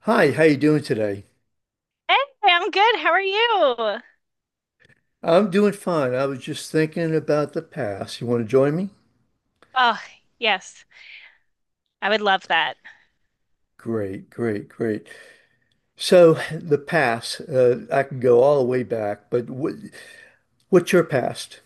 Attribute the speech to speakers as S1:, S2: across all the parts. S1: Hi, how you doing today?
S2: Hey, I'm good. How are you?
S1: I'm doing fine. I was just thinking about the past. You want to join me?
S2: Oh, yes. I would love that.
S1: Great, great, great. So the past, I can go all the way back, but what's your past?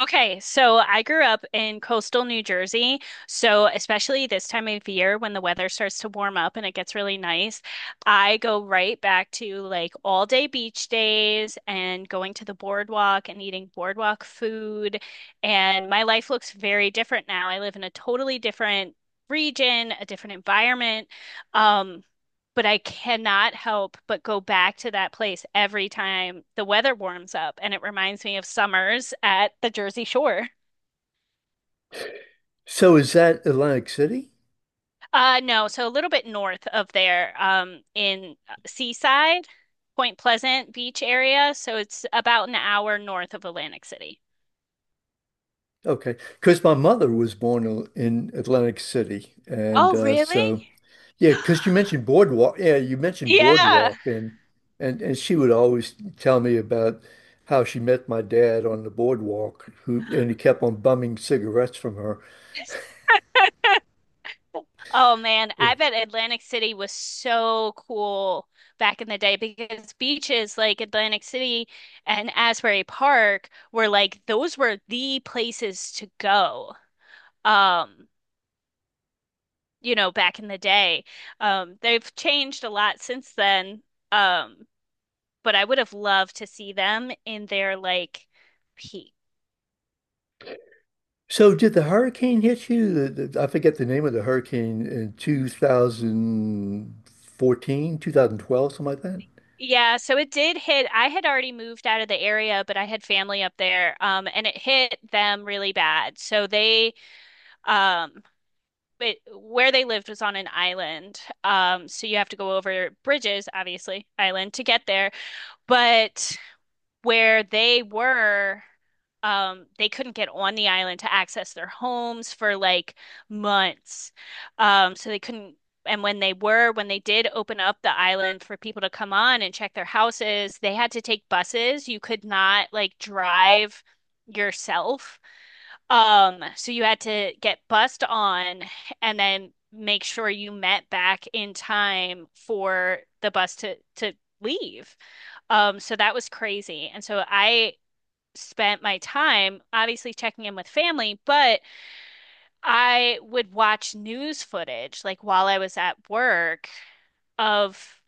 S2: Okay, so I grew up in coastal New Jersey. So, especially this time of year when the weather starts to warm up and it gets really nice, I go right back to like all day beach days and going to the boardwalk and eating boardwalk food. And my life looks very different now. I live in a totally different region, a different environment. Um, but I cannot help but go back to that place every time the weather warms up, and it reminds me of summers at the Jersey Shore.
S1: So is that Atlantic City?
S2: No, so a little bit north of there, in Seaside, Point Pleasant Beach area. So it's about an hour north of Atlantic City.
S1: Okay, because my mother was born in Atlantic City, and
S2: Oh,
S1: uh,
S2: really?
S1: so. Yeah, because you mentioned boardwalk. Yeah, you mentioned
S2: Yeah.
S1: boardwalk, and she would always tell me about how she met my dad on the boardwalk, who and he kept on bumming cigarettes from her.
S2: Oh man,
S1: Yeah.
S2: I bet Atlantic City was so cool back in the day because beaches like Atlantic City and Asbury Park were like those were the places to go. Um, you know, back in the day. They've changed a lot since then. Um, but I would have loved to see them in their like peak.
S1: So did the hurricane hit you? I forget the name of the hurricane in 2014, 2012, something like that.
S2: Yeah, so it did hit. I had already moved out of the area, but I had family up there, and it hit them really bad. So they Um, but where they lived was on an island. So you have to go over bridges, obviously, island to get there. But where they were, they couldn't get on the island to access their homes for like months. So they couldn't. And when they did open up the island for people to come on and check their houses, they had to take buses. You could not like drive yourself, so you had to get bussed on and then make sure you met back in time for the bus to leave. So that was crazy. And so I spent my time obviously checking in with family, but I would watch news footage like while I was at work of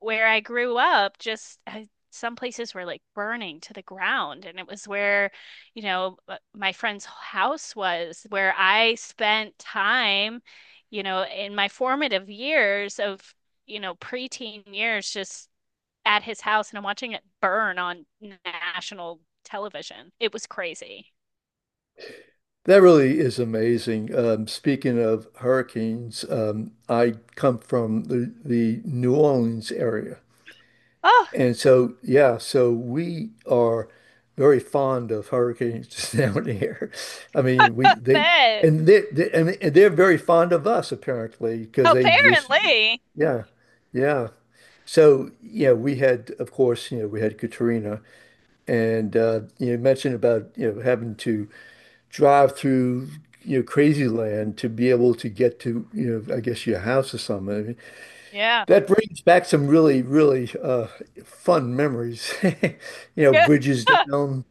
S2: where I grew up, just some places were like burning to the ground. And it was where, you know, my friend's house was, where I spent time, you know, in my formative years of, you know, preteen years, just at his house and I'm watching it burn on national television. It was crazy.
S1: That really is amazing. Speaking of hurricanes, I come from the New Orleans area.
S2: Oh,
S1: And so, yeah, so we are very fond of hurricanes down here. I mean, we
S2: I
S1: they
S2: bet.
S1: and they, they and they're very fond of us apparently because they just
S2: Apparently.
S1: yeah, yeah. So yeah, we had of course you know we had Katrina and you mentioned about you know having to drive through you know crazy land to be able to get to you know I guess your house or something.
S2: Yeah.
S1: That brings back some really, really fun memories. You know, bridges down,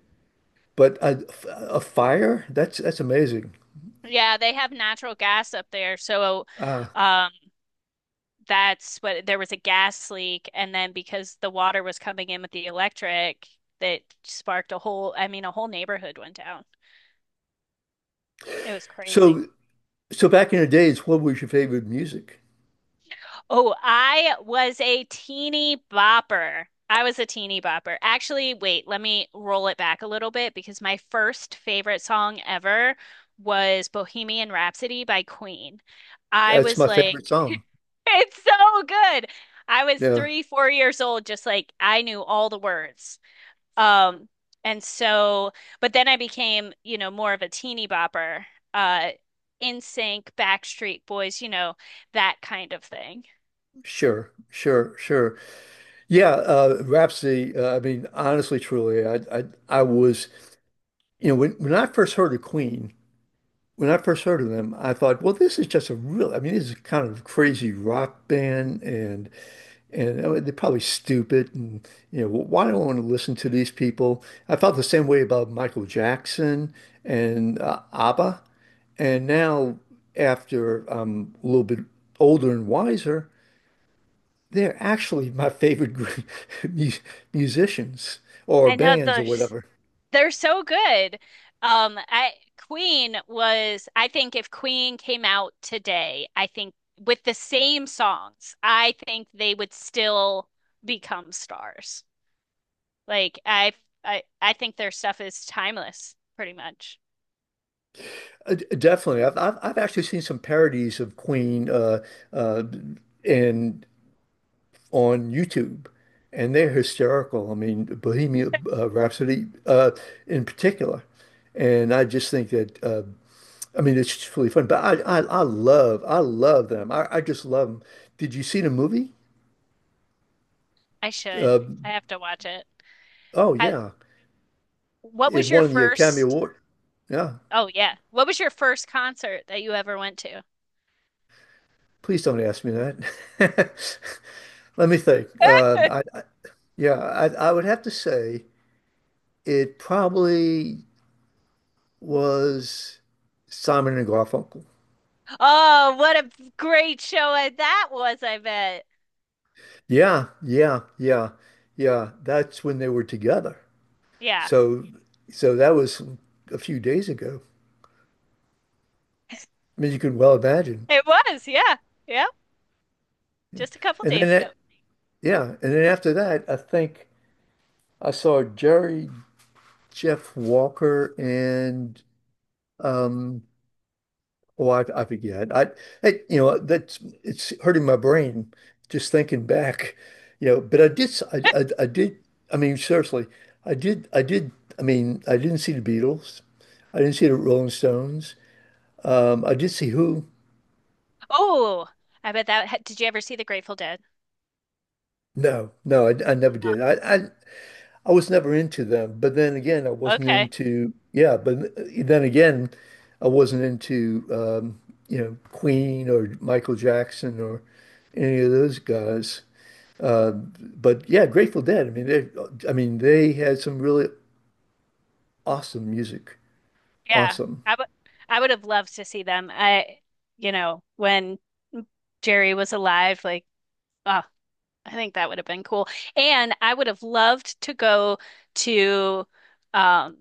S1: but a fire? That's amazing.
S2: Yeah, they have natural gas up there. So,
S1: Uh,
S2: um, that's what there was a gas leak, and then because the water was coming in with the electric, that sparked a whole, I mean, a whole neighborhood went down. It was crazy.
S1: so so back in the days, what was your favorite music?
S2: Oh, I was a teeny bopper. I was a teeny bopper. Actually, wait, let me roll it back a little bit because my first favorite song ever was Bohemian Rhapsody by Queen. I
S1: That's
S2: was
S1: my favorite
S2: like,
S1: song.
S2: it's so good. I was
S1: Yeah,
S2: three, 4 years old, just like I knew all the words. Um, and so, but then I became, you know, more of a teeny bopper, uh, NSYNC, Backstreet Boys, you know, that kind of thing.
S1: sure, sure, sure. Yeah, Rhapsody. I mean, honestly, truly, I was you know when I first heard of Queen, when I first heard of them, I thought, well, this is just a real. I mean, this is kind of a crazy rock band and. And they're probably stupid. And, you know, why do I want to listen to these people? I felt the same way about Michael Jackson and ABBA. And now, after I'm a little bit older and wiser, they're actually my favorite group, mu- musicians or
S2: I know
S1: bands or
S2: those
S1: whatever.
S2: They're so good. I Queen was, I think if Queen came out today, I think with the same songs, I think they would still become stars. Like I, I think their stuff is timeless, pretty much.
S1: Definitely. I've actually seen some parodies of Queen uh, and on YouTube, and they're hysterical. I mean, Bohemian Rhapsody in particular, and I just think that I mean it's just really fun. But I love I love them. I just love them. Did you see the movie?
S2: I should. I have to watch it.
S1: Oh yeah,
S2: What
S1: it
S2: was your
S1: won the Academy
S2: first?
S1: Award. Yeah,
S2: Oh yeah. What was your first concert that you ever went to?
S1: please don't ask me that. Let me think. I yeah, I would have to say it probably was Simon and Garfunkel.
S2: Oh, what a great show that was, I bet.
S1: Yeah, yeah, yeah, yeah. That's when they were together.
S2: Yeah,
S1: So, so that was a few days ago. I mean, you can well imagine.
S2: it was. Yeah. Yeah.
S1: Yeah.
S2: Just a couple
S1: And then
S2: days ago.
S1: that, yeah. And then after that, I think I saw Jeff Walker, and um, Oh, I forget. You know, that's it's hurting my brain just thinking back, you know. But I did. I mean, seriously, I did. I mean, I didn't see the Beatles. I didn't see the Rolling Stones. I did see Who.
S2: Oh, I bet that did you ever see the Grateful Dead?
S1: No, no, I never did. I was never into them. But then again, I wasn't
S2: Okay.
S1: into. Yeah, but then again, I wasn't into, you know, Queen or Michael Jackson or any of those guys. Uh, but yeah, Grateful Dead. I mean, they had some really awesome music.
S2: Yeah.
S1: Awesome.
S2: I would I would have loved to see them. I, you know, when Jerry was alive, like, oh, I think that would have been cool. And I would have loved to go to, um,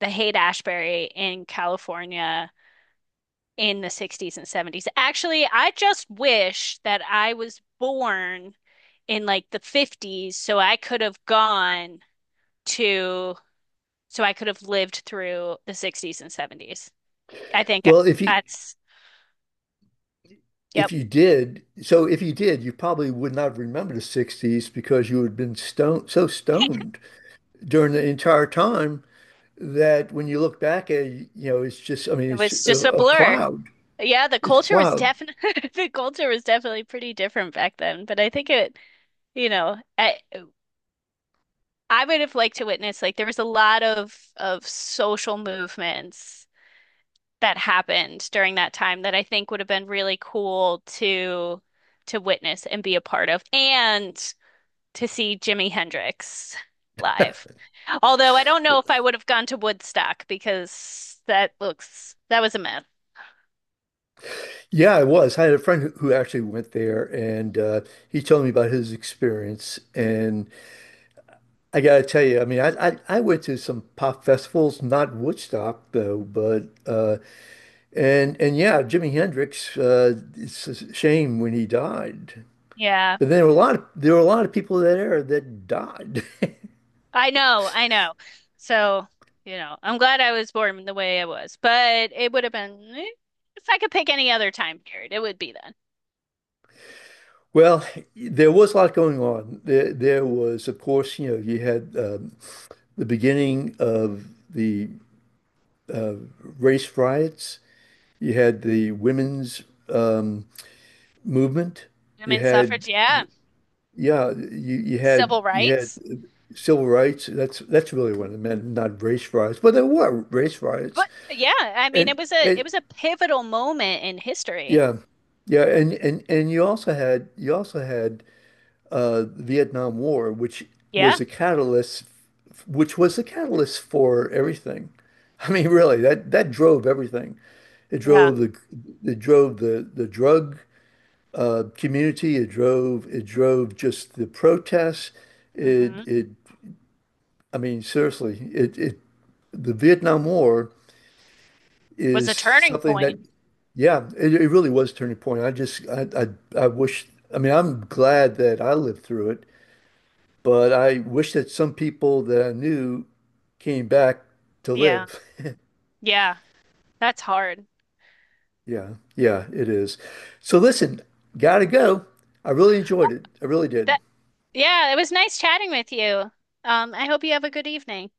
S2: the Haight-Ashbury in California in the 60s and 70s. Actually, I just wish that I was born in like the 50s so I could have gone to, so I could have lived through the 60s and 70s. I think
S1: Well,
S2: that's,
S1: if
S2: yep,
S1: you did, you probably would not remember the 60s because you had been stoned so stoned during the entire time that when you look back at it, you know, it's just, I mean,
S2: it was just a
S1: a
S2: blur.
S1: cloud.
S2: Yeah, the
S1: It's a
S2: culture was
S1: cloud.
S2: definitely the culture was definitely pretty different back then, but I think it. You know, I would have liked to witness like there was a lot of social movements that happened during that time that I think would have been really cool to witness and be a part of and to see Jimi Hendrix live. Although I don't know if I would have gone to Woodstock because that looks that was a myth.
S1: Yeah, it was. I had a friend who actually went there and he told me about his experience and I gotta tell you, I mean, I went to some pop festivals, not Woodstock though, but and yeah, Jimi Hendrix. It's a shame when he died,
S2: Yeah.
S1: but there were a lot of there were a lot of people there that died.
S2: I know, I know. So, you know, I'm glad I was born the way I was, but it would have been eh, if I could pick any other time period, it would be then.
S1: Well, there was a lot going on. There was, of course, you know, you had the beginning of the race riots. You had the women's um, movement. You
S2: Women's suffrage,
S1: had
S2: yeah,
S1: yeah, you had
S2: civil
S1: you had.
S2: rights.
S1: Civil rights. That's really what it meant, not race riots. But there were race riots,
S2: But yeah, I mean, it was a it
S1: and
S2: was a pivotal moment in history.
S1: yeah, yeah, and you also had Vietnam War,
S2: Yeah,
S1: was a catalyst, which was the catalyst for everything. I mean, really, that drove everything. It
S2: yeah.
S1: drove the it drove the drug community. It drove just the protests. It
S2: hmm
S1: it I mean, seriously, it The Vietnam War
S2: Was
S1: is
S2: a turning
S1: something
S2: point.
S1: yeah, it really was a turning point. I wish, I mean, I'm glad that I lived through it, but I wish that some people that I knew came back to
S2: Yeah,
S1: live.
S2: yeah. That's hard.
S1: Yeah, yeah, it is. So listen, gotta go. I really enjoyed it. I really did.
S2: That Yeah, it was nice chatting with you. I hope you have a good evening.